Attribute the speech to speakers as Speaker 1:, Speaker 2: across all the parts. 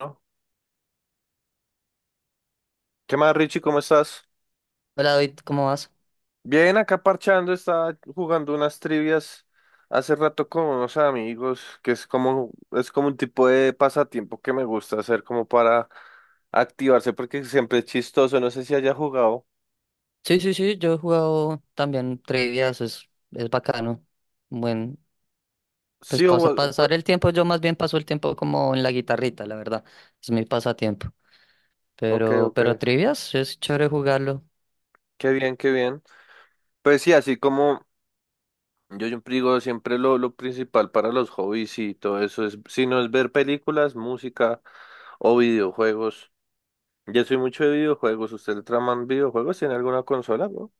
Speaker 1: ¿No? ¿Qué más, Richie? ¿Cómo estás?
Speaker 2: Hola David, ¿cómo vas?
Speaker 1: Bien, acá parchando, estaba jugando unas trivias hace rato con unos amigos, que es como un tipo de pasatiempo que me gusta hacer como para activarse, porque siempre es chistoso, no sé si haya jugado.
Speaker 2: Sí, sí, sí, yo he jugado también trivias, es bacano. Buen, pues
Speaker 1: Sí, o,
Speaker 2: pasar el tiempo, yo más bien paso el tiempo como en la guitarrita, la verdad, es mi pasatiempo.
Speaker 1: ok,
Speaker 2: Pero,
Speaker 1: ok,
Speaker 2: pero trivias, es chévere jugarlo.
Speaker 1: qué bien, qué bien. Pues sí, así como yo siempre digo, siempre lo principal para los hobbies y todo eso es, si no es ver películas, música o videojuegos. Yo soy mucho de videojuegos. ¿Usted traman videojuegos? ¿Tiene alguna consola, bro?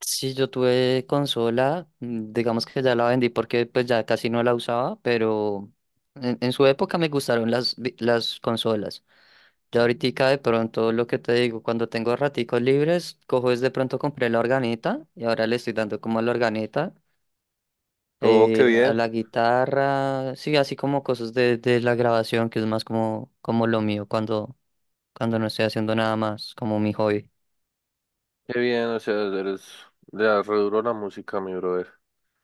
Speaker 2: Sí, yo tuve consola, digamos que ya la vendí porque pues ya casi no la usaba, pero en su época me gustaron las, las consolas. Yo ahorita de pronto lo que te digo, cuando tengo raticos libres, cojo es de pronto compré la organeta y ahora le estoy dando como a la organeta,
Speaker 1: Oh, qué
Speaker 2: a
Speaker 1: bien.
Speaker 2: la guitarra, sí, así como cosas de la grabación, que es más como, como lo mío cuando no estoy haciendo nada más, como mi hobby.
Speaker 1: Qué bien, o sea, eres... Le re duro la música, mi brother.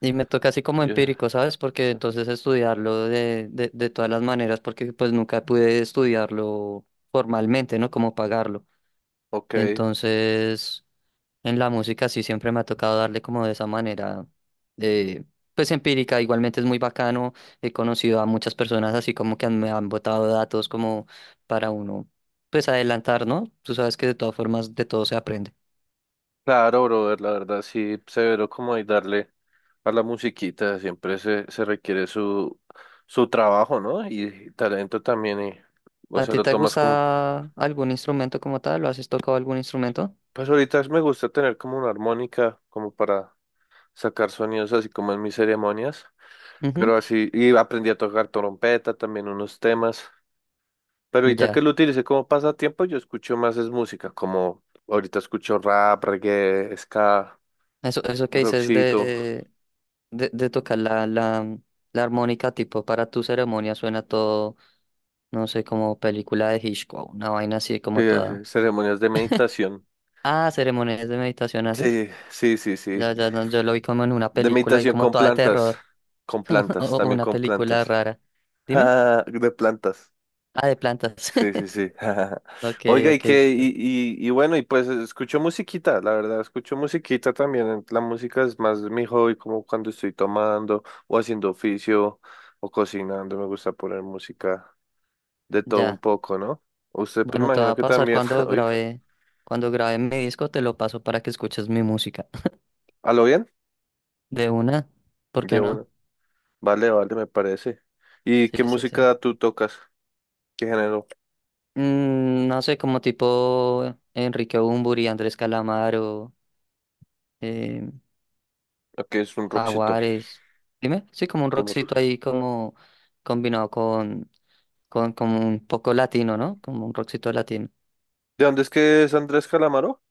Speaker 2: Y me toca así como
Speaker 1: Yeah,
Speaker 2: empírico, ¿sabes? Porque
Speaker 1: sí.
Speaker 2: entonces estudiarlo de todas las maneras, porque pues nunca pude estudiarlo formalmente, ¿no? Como pagarlo.
Speaker 1: Ok.
Speaker 2: Entonces... En la música sí siempre me ha tocado darle como de esa manera, eh, pues empírica, igualmente es muy bacano, he conocido a muchas personas así como que han- me han botado datos como para uno, pues adelantar, ¿no? Tú sabes que de todas formas de todo se aprende.
Speaker 1: Claro, brother, la verdad sí, severo como hay darle a la musiquita. Siempre se requiere su, su trabajo, ¿no? Y talento también. Y, o
Speaker 2: ¿A
Speaker 1: sea,
Speaker 2: ti
Speaker 1: lo
Speaker 2: te
Speaker 1: tomas como...
Speaker 2: gusta algún instrumento como tal? ¿Lo has tocado algún instrumento?
Speaker 1: Pues ahorita me gusta tener como una armónica como para sacar sonidos así como en mis ceremonias.
Speaker 2: Ujú.
Speaker 1: Pero así, y aprendí a tocar trompeta, también unos temas. Pero ahorita que
Speaker 2: Ya,
Speaker 1: lo utilicé como pasatiempo, yo escucho más es música, como ahorita escucho rap, reggae, ska,
Speaker 2: eso que dices
Speaker 1: rockcito,
Speaker 2: de tocar la armónica tipo para tu ceremonia suena todo, no sé, como película de Hitchcock, una vaina así como toda...
Speaker 1: ceremonias de meditación.
Speaker 2: Ah, ceremonias de meditación haces.
Speaker 1: Sí, sí, sí,
Speaker 2: Ya,
Speaker 1: sí.
Speaker 2: ya, no, yo lo vi como en una
Speaker 1: De
Speaker 2: película y
Speaker 1: meditación
Speaker 2: como toda de terror.
Speaker 1: con
Speaker 2: Como
Speaker 1: plantas, también
Speaker 2: una
Speaker 1: con
Speaker 2: película
Speaker 1: plantas.
Speaker 2: rara. Dime.
Speaker 1: Ah, de plantas.
Speaker 2: Ah, de plantas.
Speaker 1: Sí, sí, sí.
Speaker 2: Ok,
Speaker 1: Oiga, y
Speaker 2: ok,
Speaker 1: que,
Speaker 2: super.
Speaker 1: y bueno, y pues escucho musiquita, la verdad, escucho musiquita también. La música es más mi hobby, como cuando estoy tomando o haciendo oficio o cocinando, me gusta poner música de todo un
Speaker 2: Ya.
Speaker 1: poco, ¿no? Usted, pues
Speaker 2: Bueno, te va
Speaker 1: imagino
Speaker 2: a
Speaker 1: que
Speaker 2: pasar
Speaker 1: también, oye,
Speaker 2: cuando grabe mi disco, te lo paso para que escuches mi música.
Speaker 1: ¿a lo bien?
Speaker 2: De una, ¿por
Speaker 1: De
Speaker 2: qué no?
Speaker 1: uno. Vale, vale, me parece. ¿Y
Speaker 2: Sí,
Speaker 1: qué
Speaker 2: sí, sí.
Speaker 1: música tú tocas? ¿Qué género?
Speaker 2: No sé, como tipo Enrique Bunbury, Andrés Calamaro, eh,
Speaker 1: ¿Qué es un rockcito?
Speaker 2: Jaguares. Dime, sí, como un
Speaker 1: Como
Speaker 2: rockcito
Speaker 1: rock.
Speaker 2: ahí como combinado con como un poco latino, ¿no? Como un rockcito latino.
Speaker 1: ¿De dónde es que es Andrés Calamaro?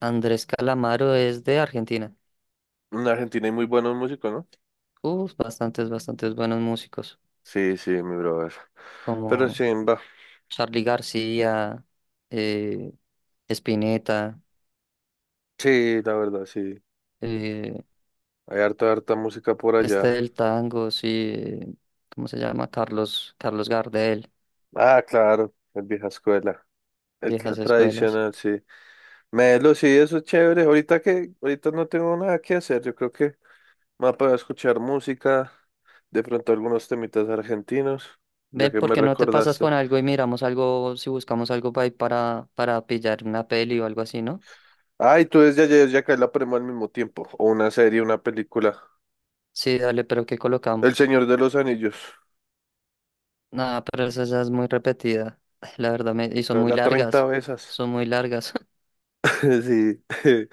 Speaker 2: Andrés Calamaro es de Argentina.
Speaker 1: En Argentina hay muy buenos músicos, ¿no?
Speaker 2: Uf, bastantes, bastantes buenos músicos,
Speaker 1: Sí, sí, mi brother. Pero sí,
Speaker 2: como
Speaker 1: va.
Speaker 2: Charly García, eh, Spinetta,
Speaker 1: Sí, la verdad, sí.
Speaker 2: eh,
Speaker 1: Hay harta, harta música por
Speaker 2: este
Speaker 1: allá.
Speaker 2: del tango, sí, eh, ¿cómo se llama? Carlos, Carlos Gardel,
Speaker 1: Ah, claro, el vieja escuela. El
Speaker 2: viejas escuelas.
Speaker 1: tradicional, sí. Melo, sí, eso es chévere. Ahorita que, ahorita no tengo nada que hacer. Yo creo que me voy a poner escuchar música. De pronto algunos temitas argentinos, ya
Speaker 2: Ven,
Speaker 1: que
Speaker 2: ¿por
Speaker 1: me
Speaker 2: qué no te pasas
Speaker 1: recordaste.
Speaker 2: con algo y miramos algo, si buscamos algo para pillar una peli o algo así, ¿no?
Speaker 1: Ay, tú desde ayer ya cae la prema al mismo tiempo. O una serie, una película.
Speaker 2: Sí, dale, pero ¿qué
Speaker 1: El
Speaker 2: colocamos?
Speaker 1: Señor de los Anillos.
Speaker 2: Nada, pero esa ya es muy repetida. La verdad, y son
Speaker 1: Toca
Speaker 2: muy
Speaker 1: la 30
Speaker 2: largas.
Speaker 1: veces.
Speaker 2: Son muy largas.
Speaker 1: Sí.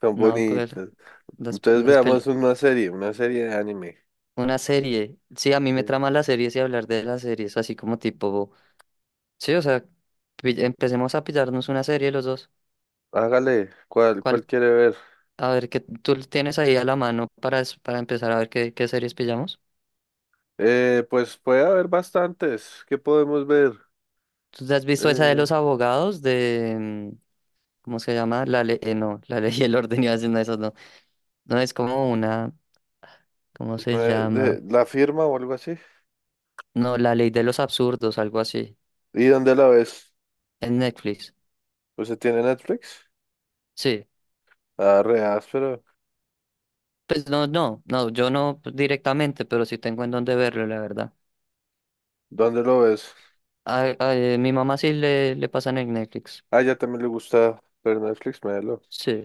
Speaker 1: Son
Speaker 2: No,
Speaker 1: bonitas. Entonces
Speaker 2: las
Speaker 1: veamos
Speaker 2: pele.
Speaker 1: una serie de anime.
Speaker 2: Una serie. Sí, a mí me
Speaker 1: Sí.
Speaker 2: trama las series y hablar de las series, así como tipo. Sí, o sea, empecemos a pillarnos una serie los dos.
Speaker 1: Hágale, ¿cuál, cuál
Speaker 2: ¿Cuál?
Speaker 1: quiere ver?
Speaker 2: A ver, ¿qué tú tienes ahí a la mano para, para empezar a ver qué, qué series pillamos?
Speaker 1: Pues puede haber bastantes. ¿Qué podemos ver?
Speaker 2: ¿Tú te has visto esa de
Speaker 1: Eh,
Speaker 2: los abogados de, ¿cómo se llama? La ley. No, la ley y el orden iba haciendo eso no. No, es como una. ¿Cómo se llama?
Speaker 1: de, la firma o algo así.
Speaker 2: No, la ley de los absurdos, algo así,
Speaker 1: ¿Y dónde la ves?
Speaker 2: en Netflix.
Speaker 1: ¿Pues se tiene Netflix?
Speaker 2: Sí,
Speaker 1: Ah, re áspero.
Speaker 2: pues no, no, no, yo no directamente, pero sí tengo en dónde verlo, la verdad.
Speaker 1: ¿Dónde lo ves?
Speaker 2: Mi mamá sí le pasan en el Netflix.
Speaker 1: Ah, ella también le gusta ver Netflix, melo.
Speaker 2: Sí,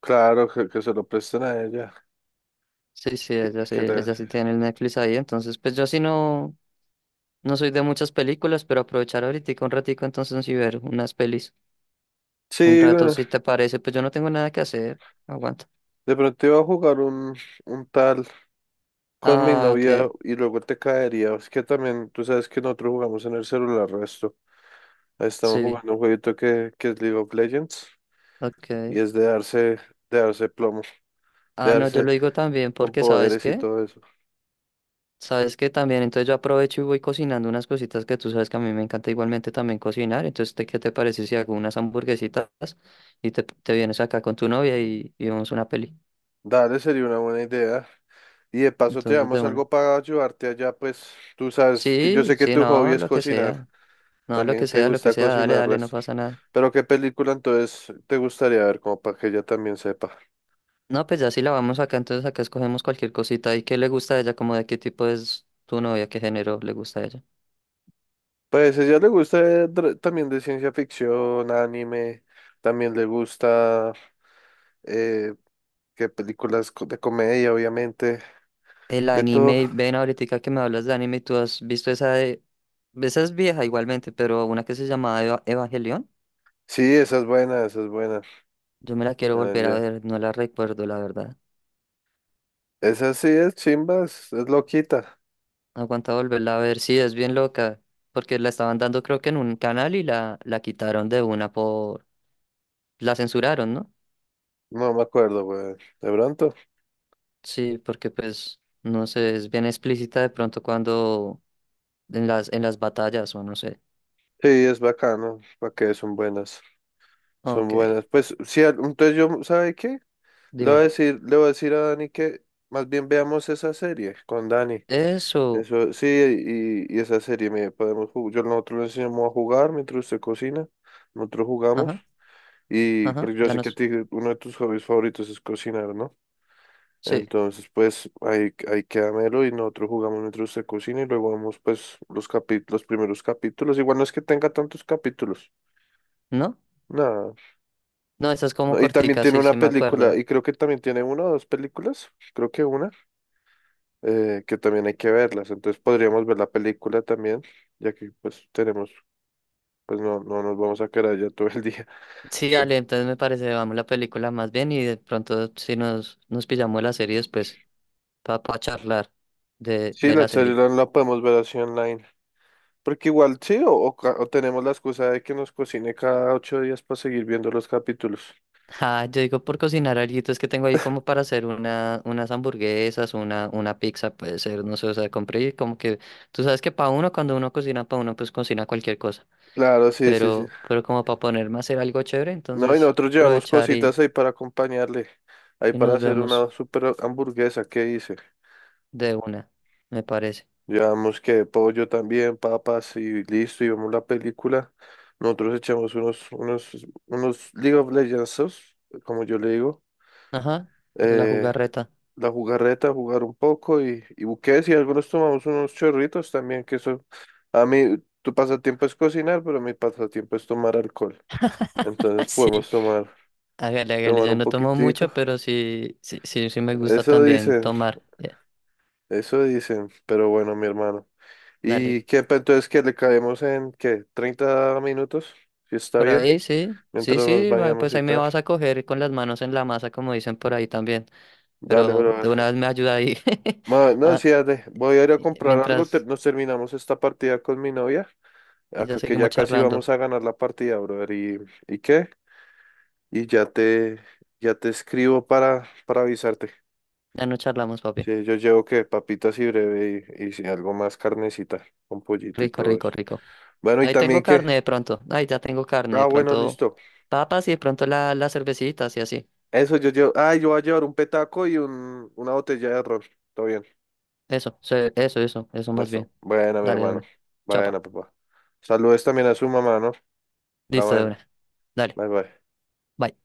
Speaker 1: Claro, que se lo presten a ella.
Speaker 2: sí, sí, ella sí,
Speaker 1: Que le-
Speaker 2: ella sí tiene el Netflix ahí, entonces pues yo sí no, no soy de muchas películas, pero aprovechar ahorita un ratico entonces sí ver unas pelis. Un
Speaker 1: Sí,
Speaker 2: rato,
Speaker 1: bueno,
Speaker 2: si te parece, pues yo no tengo nada que hacer, aguanta.
Speaker 1: de pronto iba a jugar un tal con mi
Speaker 2: Ah,
Speaker 1: novia
Speaker 2: ok,
Speaker 1: y luego te caería. Es que también, tú sabes que nosotros jugamos en el celular resto. Estamos
Speaker 2: sí,
Speaker 1: jugando un jueguito que es League of Legends
Speaker 2: ok.
Speaker 1: y es de darse plomo, de
Speaker 2: Ah, no, yo
Speaker 1: darse
Speaker 2: lo digo también
Speaker 1: con
Speaker 2: porque, ¿sabes
Speaker 1: poderes y
Speaker 2: qué?
Speaker 1: todo eso.
Speaker 2: Sabes que también, entonces yo aprovecho y voy cocinando unas cositas que tú sabes que a mí me encanta igualmente también cocinar. Entonces, ¿qué te parece si hago unas hamburguesitas y te vienes acá con tu novia y vemos una peli?
Speaker 1: Dale, sería una buena idea. Y de paso te
Speaker 2: Entonces, de
Speaker 1: damos
Speaker 2: una.
Speaker 1: algo para ayudarte allá, pues tú sabes que yo
Speaker 2: Sí,
Speaker 1: sé que
Speaker 2: sí,
Speaker 1: tu hobby
Speaker 2: no,
Speaker 1: es
Speaker 2: lo que
Speaker 1: cocinar.
Speaker 2: sea. No,
Speaker 1: También te
Speaker 2: lo que
Speaker 1: gusta
Speaker 2: sea, dale,
Speaker 1: cocinar
Speaker 2: dale, no
Speaker 1: resto.
Speaker 2: pasa nada.
Speaker 1: Pero ¿qué película entonces te gustaría ver como para que ella también sepa?
Speaker 2: No, pues ya si la vamos acá, entonces acá escogemos cualquier cosita. ¿Y qué le gusta a ella? ¿Como de qué tipo es tu novia? ¿Qué género le gusta a ella?
Speaker 1: Pues a ella le gusta también de ciencia ficción, anime, también le gusta eh, que películas de comedia, obviamente,
Speaker 2: El
Speaker 1: de todo.
Speaker 2: anime, ven ahorita que me hablas de anime, ¿tú has visto esa de esa es vieja igualmente, pero una que se llamaba Evangelion,
Speaker 1: Sí, esa es buena, esa es buena.
Speaker 2: yo me la quiero
Speaker 1: Ah,
Speaker 2: volver a
Speaker 1: ya.
Speaker 2: ver, no la recuerdo la verdad.
Speaker 1: Esa sí es chimbas, es loquita.
Speaker 2: Aguanta volverla a ver, sí, es bien loca, porque la estaban dando creo que en un canal y la quitaron de una por... la censuraron, ¿no?
Speaker 1: No me acuerdo, güey. De pronto.
Speaker 2: Sí, porque pues, no sé, es bien explícita de pronto cuando en en las batallas o no sé.
Speaker 1: Sí, es bacano, para que son buenas, son
Speaker 2: Ok,
Speaker 1: buenas. Pues sí, entonces yo, ¿sabe qué? Le voy a
Speaker 2: dime.
Speaker 1: decir, le voy a decir a Dani que más bien veamos esa serie con Dani.
Speaker 2: Eso.
Speaker 1: Eso, sí, y esa serie me podemos jugar. Yo nosotros le enseñamos a jugar mientras usted cocina, nosotros jugamos.
Speaker 2: Ajá,
Speaker 1: Y pero
Speaker 2: ajá,
Speaker 1: yo
Speaker 2: ya
Speaker 1: sé
Speaker 2: no
Speaker 1: que a
Speaker 2: sé.
Speaker 1: ti uno de tus hobbies favoritos es cocinar, ¿no?
Speaker 2: Sí,
Speaker 1: Entonces, pues ahí, ahí queda Melo y nosotros jugamos mientras usted cocina y luego vemos pues los capítulos, los primeros capítulos. Igual no es que tenga tantos capítulos.
Speaker 2: ¿no?
Speaker 1: Nada.
Speaker 2: No, esa es como
Speaker 1: No, y también
Speaker 2: cortica,
Speaker 1: tiene
Speaker 2: sí, sí
Speaker 1: una
Speaker 2: me
Speaker 1: película,
Speaker 2: acuerdo.
Speaker 1: y creo que también tiene una o dos películas, creo que una, que también hay que verlas. Entonces podríamos ver la película también, ya que pues tenemos pues no, no nos vamos a quedar allá todo el día.
Speaker 2: Sí, Ale, entonces me parece, vamos la película más bien y de pronto si nos pillamos la serie después para charlar
Speaker 1: Sí,
Speaker 2: de
Speaker 1: la
Speaker 2: la serie.
Speaker 1: charla la podemos ver así online. Porque igual sí, o o tenemos la excusa de que nos cocine cada 8 días para seguir viendo los capítulos.
Speaker 2: Ah, yo digo por cocinar alguito, es que tengo ahí como para hacer una, unas hamburguesas, una pizza, puede ser, no sé, o sea, compré y como que, tú sabes que para uno, cuando uno cocina para uno, pues cocina cualquier cosa,
Speaker 1: Claro, sí, sí, sí.
Speaker 2: pero como para ponerme a hacer algo chévere,
Speaker 1: No, y
Speaker 2: entonces
Speaker 1: nosotros llevamos
Speaker 2: aprovechar
Speaker 1: cositas ahí para acompañarle. Ahí
Speaker 2: y
Speaker 1: para
Speaker 2: nos
Speaker 1: hacer
Speaker 2: vemos
Speaker 1: una super hamburguesa, ¿qué dice?
Speaker 2: de una, me parece.
Speaker 1: Llevamos que pollo también, papas y listo, y vemos la película. Nosotros echamos unos League of Legends, como yo le digo.
Speaker 2: Ajá, la
Speaker 1: Eh,
Speaker 2: jugarreta.
Speaker 1: la jugarreta, jugar un poco y buques y algunos tomamos unos chorritos también, que eso, a mí, tu pasatiempo es cocinar, pero mi pasatiempo es tomar alcohol. Entonces
Speaker 2: Sí.
Speaker 1: podemos tomar,
Speaker 2: Hágale, hágale,
Speaker 1: tomar
Speaker 2: yo
Speaker 1: un
Speaker 2: no tomo
Speaker 1: poquitico.
Speaker 2: mucho, pero sí, sí, sí, sí me gusta
Speaker 1: Eso
Speaker 2: también
Speaker 1: dicen,
Speaker 2: tomar. Ya,
Speaker 1: eso dicen, pero bueno, mi hermano.
Speaker 2: dale.
Speaker 1: ¿Y qué, entonces que le caemos en, qué, 30 minutos? Si está
Speaker 2: Por
Speaker 1: bien,
Speaker 2: ahí sí, sí,
Speaker 1: mientras nos
Speaker 2: sí, va,
Speaker 1: bañamos
Speaker 2: pues
Speaker 1: y
Speaker 2: ahí me
Speaker 1: tal.
Speaker 2: vas a coger con las manos en la masa, como dicen por ahí también.
Speaker 1: Dale,
Speaker 2: Pero de una
Speaker 1: brother.
Speaker 2: vez me ayuda ahí.
Speaker 1: No,
Speaker 2: Ah,
Speaker 1: sí, dale. Voy a ir a
Speaker 2: y-
Speaker 1: comprar algo,
Speaker 2: mientras
Speaker 1: nos terminamos esta partida con mi novia.
Speaker 2: ya
Speaker 1: Acá que
Speaker 2: seguimos
Speaker 1: ya casi
Speaker 2: charlando.
Speaker 1: vamos a ganar la partida, brother. Y qué? Y ya te escribo para avisarte.
Speaker 2: Ya no charlamos, papi.
Speaker 1: Sí, yo llevo que papitas y breve y si algo más carnecita con pollito y
Speaker 2: Rico,
Speaker 1: todo
Speaker 2: rico,
Speaker 1: eso.
Speaker 2: rico.
Speaker 1: Bueno, ¿y
Speaker 2: Ahí tengo
Speaker 1: también qué?
Speaker 2: carne de pronto. Ahí ya tengo carne.
Speaker 1: Ah,
Speaker 2: De
Speaker 1: bueno,
Speaker 2: pronto
Speaker 1: listo.
Speaker 2: papas y de pronto las cervecitas y así.
Speaker 1: Eso yo llevo. Ah, yo voy a llevar un petaco y un, una botella de ron. Todo bien.
Speaker 2: Eso, se- eso más
Speaker 1: Eso.
Speaker 2: bien.
Speaker 1: Buena, mi
Speaker 2: Dale de
Speaker 1: hermano.
Speaker 2: una. Chapa.
Speaker 1: Buena, papá. Saludos también a su mamá, ¿no? La
Speaker 2: Listo de
Speaker 1: buena.
Speaker 2: una. Dale.
Speaker 1: Bye, bye.
Speaker 2: Bye.